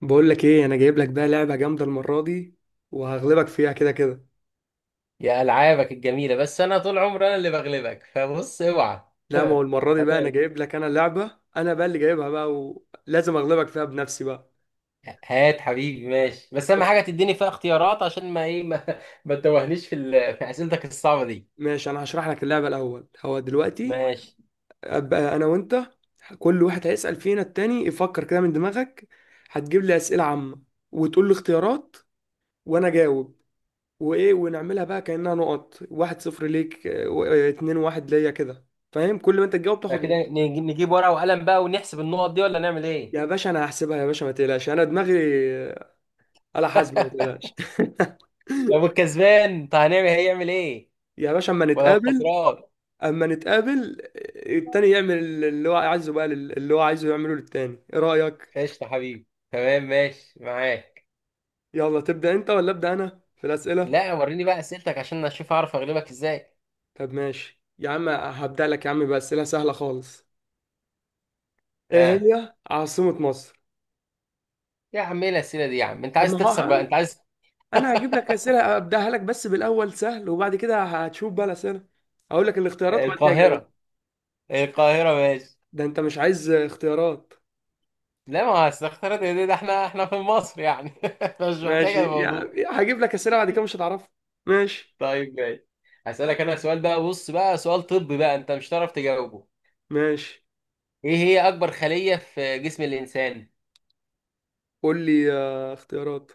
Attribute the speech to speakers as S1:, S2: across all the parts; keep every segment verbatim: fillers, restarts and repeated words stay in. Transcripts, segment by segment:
S1: بقول لك ايه؟ انا جايب لك بقى لعبه جامده المره دي، وهغلبك فيها كده كده.
S2: يا ألعابك الجميلة، بس أنا طول عمري أنا اللي بغلبك. فبص اوعى.
S1: لا، ما هو المره دي
S2: هات.
S1: بقى انا جايب لك، انا لعبه انا بقى اللي جايبها بقى، ولازم اغلبك فيها بنفسي بقى.
S2: هات حبيبي ماشي، بس أهم
S1: بص،
S2: حاجة تديني فيها اختيارات، عشان ما إيه ما, ما تتوهنيش في ال... في أسئلتك الصعبة دي.
S1: ماشي انا هشرح لك اللعبه الاول. هو دلوقتي
S2: ماشي.
S1: ابقى انا وانت كل واحد هيسال فينا التاني. يفكر كده من دماغك، هتجيب لي اسئله عامه، وتقول لي اختيارات، وانا اجاوب. وايه ونعملها بقى كانها نقط، واحد صفر ليك آه، و- آه، اتنين واحد ليا كده. فاهم؟ كل ما انت تجاوب تاخد
S2: فكده
S1: نقطه.
S2: نجي- نجيب ورقة وقلم بقى ونحسب النقط دي ولا نعمل إيه؟
S1: يا باشا انا هحسبها يا باشا، ما تقلقش، انا دماغي آلة حاسبة، ما تقلقش.
S2: طب الكسبان، طب هنعمل هيعمل إيه؟
S1: يا باشا، اما
S2: ولا
S1: نتقابل،
S2: الخسران؟
S1: اما نتقابل التاني يعمل اللي هو عايزه بقى لل- اللي هو عايزه يعمله للتاني، ايه رأيك؟
S2: قشطة حبيبي، تمام، ماشي معاك.
S1: يلا تبدأ انت ولا ابدأ انا في الأسئلة؟
S2: لا وريني بقى أسئلتك عشان أشوف أعرف أغلبك إزاي.
S1: طب ماشي يا عم، هبدأ لك يا عم بأسئلة سهلة خالص. ايه
S2: ها.
S1: هي عاصمة مصر؟
S2: يا عم إيه الأسئلة دي يا عم، أنت
S1: طب ما
S2: عايز تخسر
S1: هو
S2: بقى أنت عايز.
S1: انا هجيب لك أسئلة ابدأها لك بس بالأول سهل، وبعد كده هتشوف بقى الأسئلة. هقول لك الاختيارات وبعد كده أجاوب.
S2: القاهرة. القاهرة ماشي.
S1: ده انت مش عايز اختيارات؟
S2: لا ما هو أصل اختيارات دي، ده احنا احنا في مصر يعني. مش محتاجة
S1: ماشي،
S2: الموضوع.
S1: يعني هجيب لك اسئله بعد كده مش هتعرفها. ماشي،
S2: طيب ماشي. هسألك أنا سؤال بقى، بص بقى، سؤال طبي بقى أنت مش هتعرف تجاوبه.
S1: ماشي.
S2: إيه هي أكبر خلية في جسم الإنسان؟
S1: قول لي آه، اختيارات.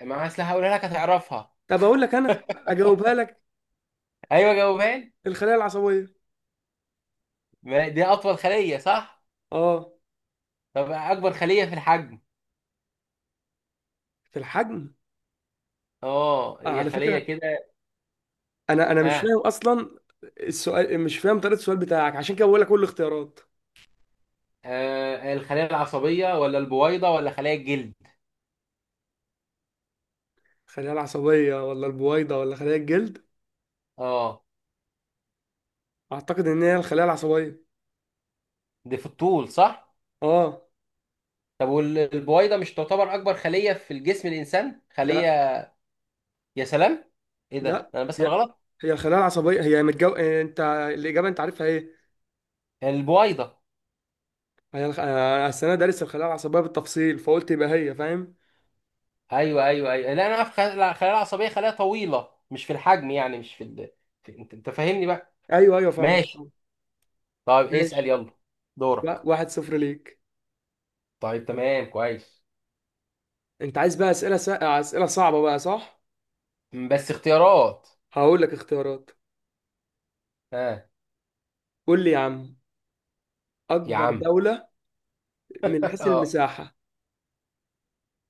S2: ما أصل هقولها لك هتعرفها.
S1: طب اقول لك انا اجاوبها لك.
S2: أيوه جاوبها لي.
S1: الخلايا العصبيه.
S2: ما دي أطول خلية صح؟
S1: اه.
S2: طب أكبر خلية في الحجم.
S1: في الحجم.
S2: أه
S1: آه
S2: هي
S1: على
S2: خلية
S1: فكره،
S2: كده.
S1: انا انا مش
S2: آه.
S1: فاهم اصلا السؤال، مش فاهم طريقه السؤال بتاعك، عشان كده بقول لك كل الاختيارات.
S2: آه، الخلية العصبية ولا البويضة ولا خلية الجلد؟
S1: الخلايا العصبيه ولا البويضه ولا خلايا الجلد؟
S2: أه.
S1: اعتقد ان هي الخلايا العصبيه.
S2: دي في الطول صح؟
S1: اه.
S2: طب والبويضه مش تعتبر اكبر خليه في الجسم الانسان
S1: لا.
S2: خليه. يا سلام. ايه ده
S1: لا،
S2: انا بسأل
S1: هي،
S2: غلط.
S1: هي الخلايا العصبيه، هي متجو... آه، انت الاجابه انت عارفها ايه؟
S2: البويضه.
S1: انا الخ- أنا السنه دارس الخلايا العصبيه بالتفصيل فقلت يبقى هي، فاهم.
S2: ايوه ايوه ايوه، لا انا اعرف خلايا خلايا العصبيه، خلايا طويله، مش في الحجم يعني، مش في, ال... في... انت انت فاهمني بقى.
S1: ايوه ايوه فاهم.
S2: ماشي. طيب اسأل
S1: ماشي.
S2: يلا.
S1: لا،
S2: دورك.
S1: واحد صفر ليك.
S2: طيب تمام كويس.
S1: انت عايز بقى اسئله س... اسئله صعبه بقى، صح؟
S2: م، بس اختيارات.
S1: هقول لك اختيارات.
S2: ها.
S1: قول لي يا عم.
S2: يا
S1: اكبر
S2: عم.
S1: دوله من حيث
S2: اه.
S1: المساحه.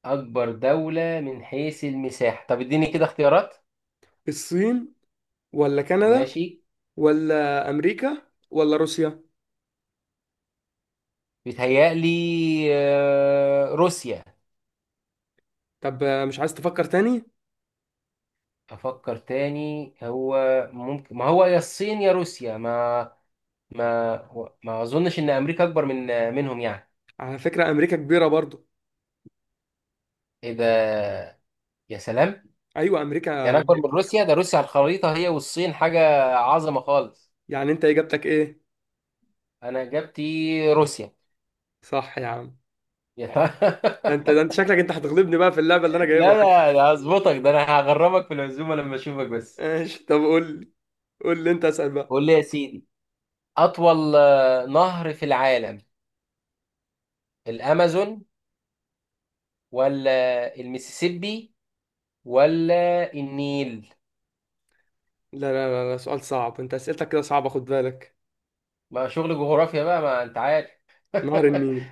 S2: اكبر دولة من حيث المساحة. طب اديني كده اختيارات.
S1: الصين، ولا كندا،
S2: ماشي.
S1: ولا امريكا، ولا روسيا.
S2: بيتهيألي. آه، روسيا.
S1: طب آه، مش عايز تفكر تاني؟
S2: افكر تاني هو. ممكن، ما هو يا الصين يا روسيا، ما ما ما اظنش ان امريكا اكبر من منهم يعني.
S1: على فكره امريكا كبيره برضو.
S2: ايه ده. يا سلام.
S1: ايوه امريكا.
S2: يعني اكبر من روسيا؟ ده روسيا على الخريطة هي والصين حاجة عظمة خالص.
S1: يعني انت اجابتك ايه؟
S2: انا اجابتي روسيا.
S1: صح يا عم.
S2: يا
S1: ده انت ده انت شكلك انت هتغلبني بقى في اللعبه
S2: ت-
S1: اللي انا
S2: لا
S1: جايبها.
S2: لا لا، هظبطك. ده انا هغرمك في العزومة لما اشوفك بس.
S1: ماشي، طب قول لي. قول لي انت، اسال بقى.
S2: قول لي يا سيدي. اطول آه، نهر في العالم. الامازون. ولا المسيسيبي. ولا النيل.
S1: لا لا لا, لا سؤال صعب. انت اسئلتك كده صعبه خد بالك.
S2: ما شغل جغرافيا بقى ما انت عارف.
S1: نهر النيل.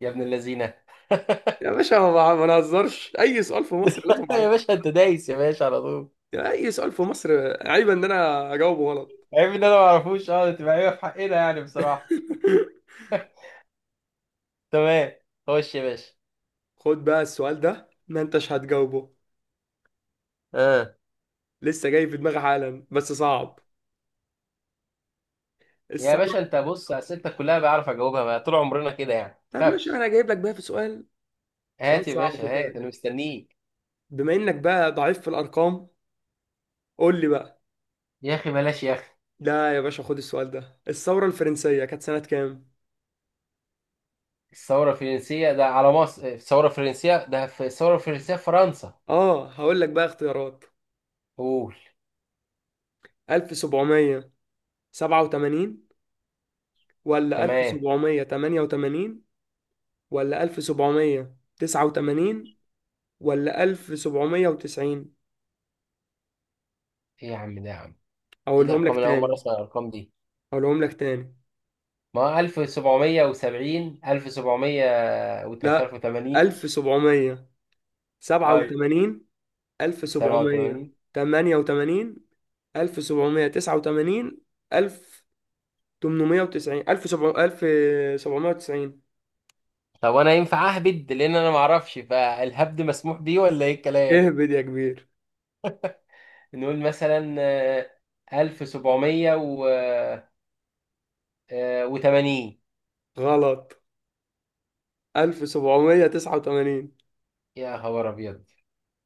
S2: يا ابن اللذينه.
S1: يا باشا ما بع- ما نهزرش، اي سؤال في مصر لازم
S2: يا
S1: اعرفه.
S2: باشا انت دايس يا باشا على طول.
S1: يعني اي سؤال في مصر عيب ان انا اجاوبه غلط.
S2: عيب ان انا ما اعرفوش. اه تبقى عيبه في حقنا يعني بصراحه. تمام. خش يا باشا.
S1: خد بقى السؤال ده ما انتش هتجاوبه.
S2: اه.
S1: لسه جاي في دماغي حالا بس صعب.
S2: يا
S1: الثوره.
S2: باشا انت بص اسئلتك كلها بعرف اجاوبها بقى. طول عمرنا كده يعني،
S1: طب ماشي،
S2: خافش.
S1: انا جايب لك بقى في سؤال. سؤال
S2: هات يا
S1: صعب
S2: باشا،
S1: خد
S2: هات
S1: بالك،
S2: انا مستنيك.
S1: بما انك بقى ضعيف في الارقام. قول لي بقى.
S2: يا اخي بلاش يا اخي.
S1: لا يا باشا خد السؤال ده. الثوره الفرنسيه كانت سنه كام؟
S2: الثوره الفرنسيه ده على مصر؟ الثوره الفرنسيه ده في الثوره الفرنسيه في فرنسا.
S1: اه، هقول لك بقى اختيارات.
S2: قول.
S1: ألف وسبعمية وسبعة وثمانين، ولا
S2: تمام.
S1: ألف وسبعمية وتمنية وثمانين، ولا ألف وسبعمية وتسعة وثمانين، ولا ألف وسبعمية وتسعين.
S2: ايه يا عم ده يا عم. ايه
S1: أقولهم لك
S2: الارقام اللي اول مره
S1: تاني.
S2: اسمع الارقام دي؟
S1: أقولهم لك تاني
S2: ما ألف وسبعمية وسبعين ألف وسبعمية وت- مش
S1: لا.
S2: عارف تمانين اي
S1: ألف وسبعمية وسبعة وثمانين،
S2: سبعة وتمانين.
S1: ألف وسبعمية وتمنية وثمانين، ألف وسبعمية وتسعة وثمانين، ألف وتمنمية وتسعين، ألف وسبعمية وتسعين.
S2: طب انا ينفع اهبد، لان انا ما اعرفش، فالهبد مسموح بيه ولا ايه الكلام؟
S1: اهبد يا كبير.
S2: نقول مثلا آه، ألف وسبعمية وتمانين.
S1: غلط. ألف وسبعمية وتسعة وثمانين.
S2: يا خبر ابيض.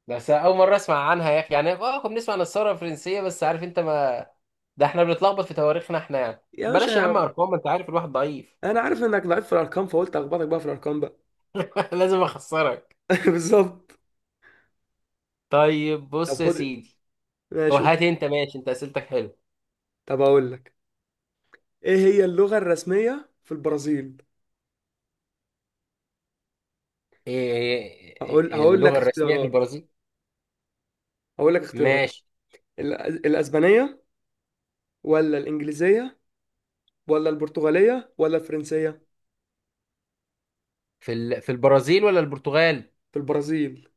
S2: بس اول مره اسمع عنها يا اخي يعني. اه كنا بنسمع عن الثوره الفرنسيه بس عارف انت ما. ده احنا بنتلخبط في تواريخنا احنا يعني.
S1: يا
S2: بلاش يا عم
S1: باشا
S2: ارقام، ما انت عارف الواحد ضعيف.
S1: انا عارف انك ضعيف في الارقام فقلت اخبطك بقى في الارقام بقى.
S2: لازم اخسرك.
S1: بالظبط.
S2: طيب
S1: طب
S2: بص يا
S1: خد.
S2: سيدي. أو
S1: ماشي.
S2: هات انت ماشي، انت اسئلتك حلو.
S1: طب اقول لك. ايه هي اللغة الرسمية في البرازيل؟
S2: إيه. إيه-
S1: هقول
S2: إيه،
S1: هقول لك
S2: اللغة الرسمية في
S1: اختيارات.
S2: البرازيل.
S1: هقول لك اختيارات.
S2: ماشي.
S1: ال- الاسبانية، ولا الانجليزية، ولا البرتغالية، ولا الفرنسية.
S2: في ال... في البرازيل ولا البرتغال؟
S1: في البرازيل.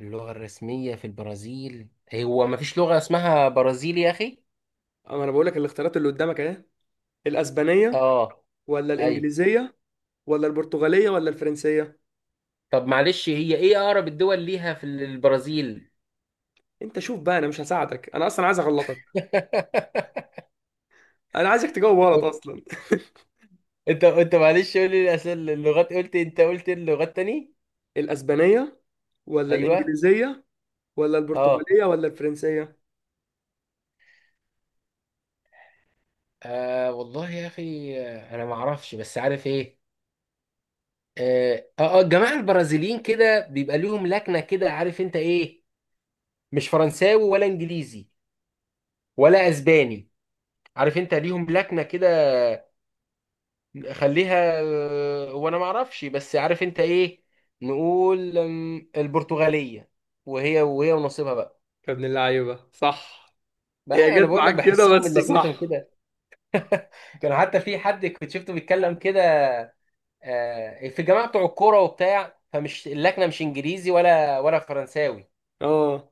S2: اللغة الرسمية في البرازيل. هو ما فيش لغة اسمها برازيلي يا اخي.
S1: أما انا بقول لك الاختيارات اللي قدامك اهي. الاسبانية،
S2: اه.
S1: ولا
S2: ايوه.
S1: الانجليزية، ولا البرتغالية، ولا الفرنسية.
S2: طب معلش، هي ايه اقرب الدول ليها في البرازيل؟
S1: انت شوف بقى، انا مش هساعدك، انا اصلا عايز اغلطك. انا عايزك تجاوب غلط اصلا.
S2: انت انت معلش قول لي الاسئله، اللغات، قلت انت قلت اللغات تاني.
S1: الاسبانية، ولا
S2: ايوه.
S1: الانجليزية، ولا
S2: اه.
S1: البرتغالية، ولا الفرنسية.
S2: آه والله يا اخي، آه، انا ما اعرفش بس عارف ايه. اه اه، الجماعه البرازيليين كده بيبقى ليهم لكنه كده عارف انت ايه. مش فرنساوي ولا انجليزي. ولا اسباني. عارف انت ليهم لكنه كده. خليها، اه وانا ما اعرفش بس عارف انت ايه. نقول ام، البرتغاليه. وهي وهي ونصيبها بقى.
S1: يا ابن اللعيبة، صح. هي
S2: بقى انا
S1: جت
S2: بقول لك
S1: معاك
S2: بحسهم
S1: كده
S2: من
S1: بس،
S2: لكنتهم
S1: صح.
S2: كده. كان حتى في حد كنت شفته بيتكلم كده. آه، في الجماعه بتوع الكوره وبتاع، فمش اللكنه مش انجليزي ولا ولا فرنساوي.
S1: اه،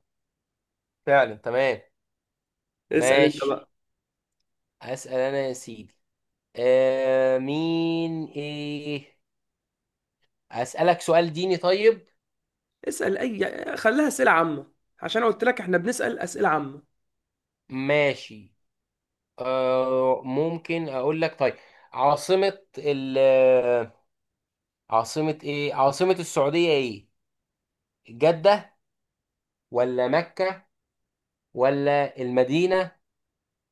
S2: فعلا تمام.
S1: اسأل انت بقى.
S2: ماشي. هسأل أنا يا سيدي. آه مين إيه. أسألك سؤال ديني طيب.
S1: اسأل اي، خليها اسئلة عامة، عشان قلت لك احنا بنسأل اسئلة عامة.
S2: ماشي. آه ممكن أقول لك طيب. عاصمة ال آه، عاصمة إيه عاصمة السعودية إيه؟ جدة. ولا مكة. ولا المدينة.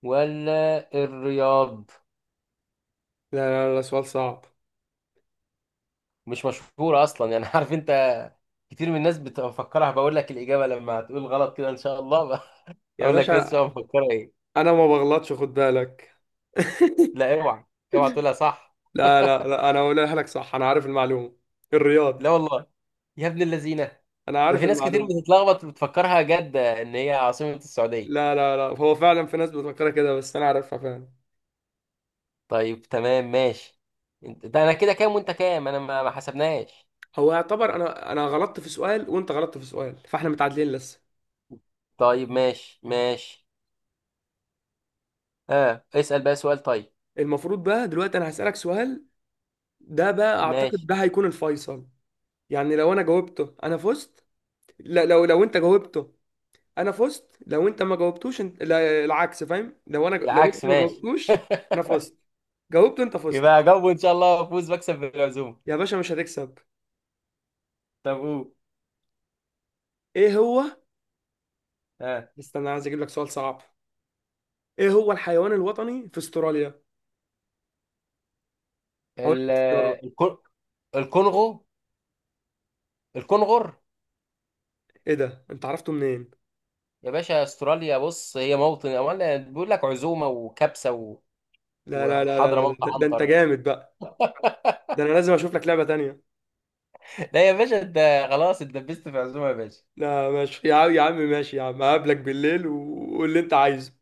S2: ولا الرياض.
S1: لا لا لا، سؤال صعب.
S2: مش مشهورة أصلا يعني عارف أنت. كتير من الناس بتفكرها، بقول لك الإجابة لما هتقول غلط كده إن شاء الله.
S1: يا
S2: أقول لك ناس بتبقى
S1: باشا
S2: مفكرة إيه.
S1: انا ما بغلطش خد بالك.
S2: لا اوعى. اوعى تقولها صح.
S1: لا لا لا، انا هقولها لك صح، انا عارف المعلومة.
S2: لا
S1: الرياض.
S2: والله. يا ابن اللذينه.
S1: انا
S2: ده
S1: عارف
S2: في ناس كتير
S1: المعلومة.
S2: بتتلخبط بتفكرها جدة ان هي عاصمة السعودية.
S1: لا لا لا، هو فعلا في ناس بتفكرها كده بس انا عارفها فعلا.
S2: طيب تمام ماشي. انت- ده انا كده كام وانت كام؟ انا ما ما حسبناش.
S1: هو يعتبر انا انا غلطت في سؤال وانت غلطت في سؤال، فاحنا متعادلين لسه.
S2: طيب ماشي ماشي. اه اسأل بقى سؤال طيب.
S1: المفروض بقى دلوقتي انا هسألك سؤال، ده بقى اعتقد
S2: ماشي.
S1: ده هيكون الفيصل. يعني لو انا جاوبته انا فزت. لا، لو لو انت جاوبته انا فزت. لو انت ما جاوبتوش انت، لا العكس. فاهم؟ لو انا، لو
S2: العكس
S1: انت ما
S2: ماشي.
S1: جاوبتوش انا فزت. جاوبته انت فزت.
S2: يبقى اجاوبه ان شاء الله وافوز بكسب بالعزومة.
S1: يا باشا مش هتكسب.
S2: طب قول.
S1: ايه هو.
S2: اه.
S1: استنى، عايز اجيب لك سؤال صعب. ايه هو الحيوان الوطني في استراليا؟ هقول لك
S2: ال
S1: اختيارات.
S2: الكون- الكونغو. الكونغر.
S1: ايه ده؟ انت عرفته منين؟
S2: يا باشا استراليا بص هي موطن، امال بيقول لك عزومه وكبسه و...
S1: لا لا لا لا لا،
S2: وحضرموت
S1: ده, ده انت
S2: عنتر.
S1: جامد بقى. ده انا لازم اشوف لك لعبة تانية.
S2: لا يا باشا انت خلاص اتدبست في عزومه يا باشا.
S1: لا ماشي يا عم، يا عم ماشي يا عم، هقابلك بالليل وقول اللي انت عايزه.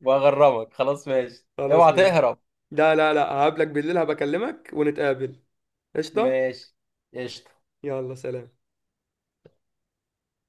S2: وهغرمك خلاص ماشي،
S1: خلاص
S2: اوعى
S1: ماشي.
S2: تهرب.
S1: لا لا لا، هقابلك بالليل، هبكلمك ونتقابل. قشطة.
S2: ماشي قشطة.
S1: يلا سلام.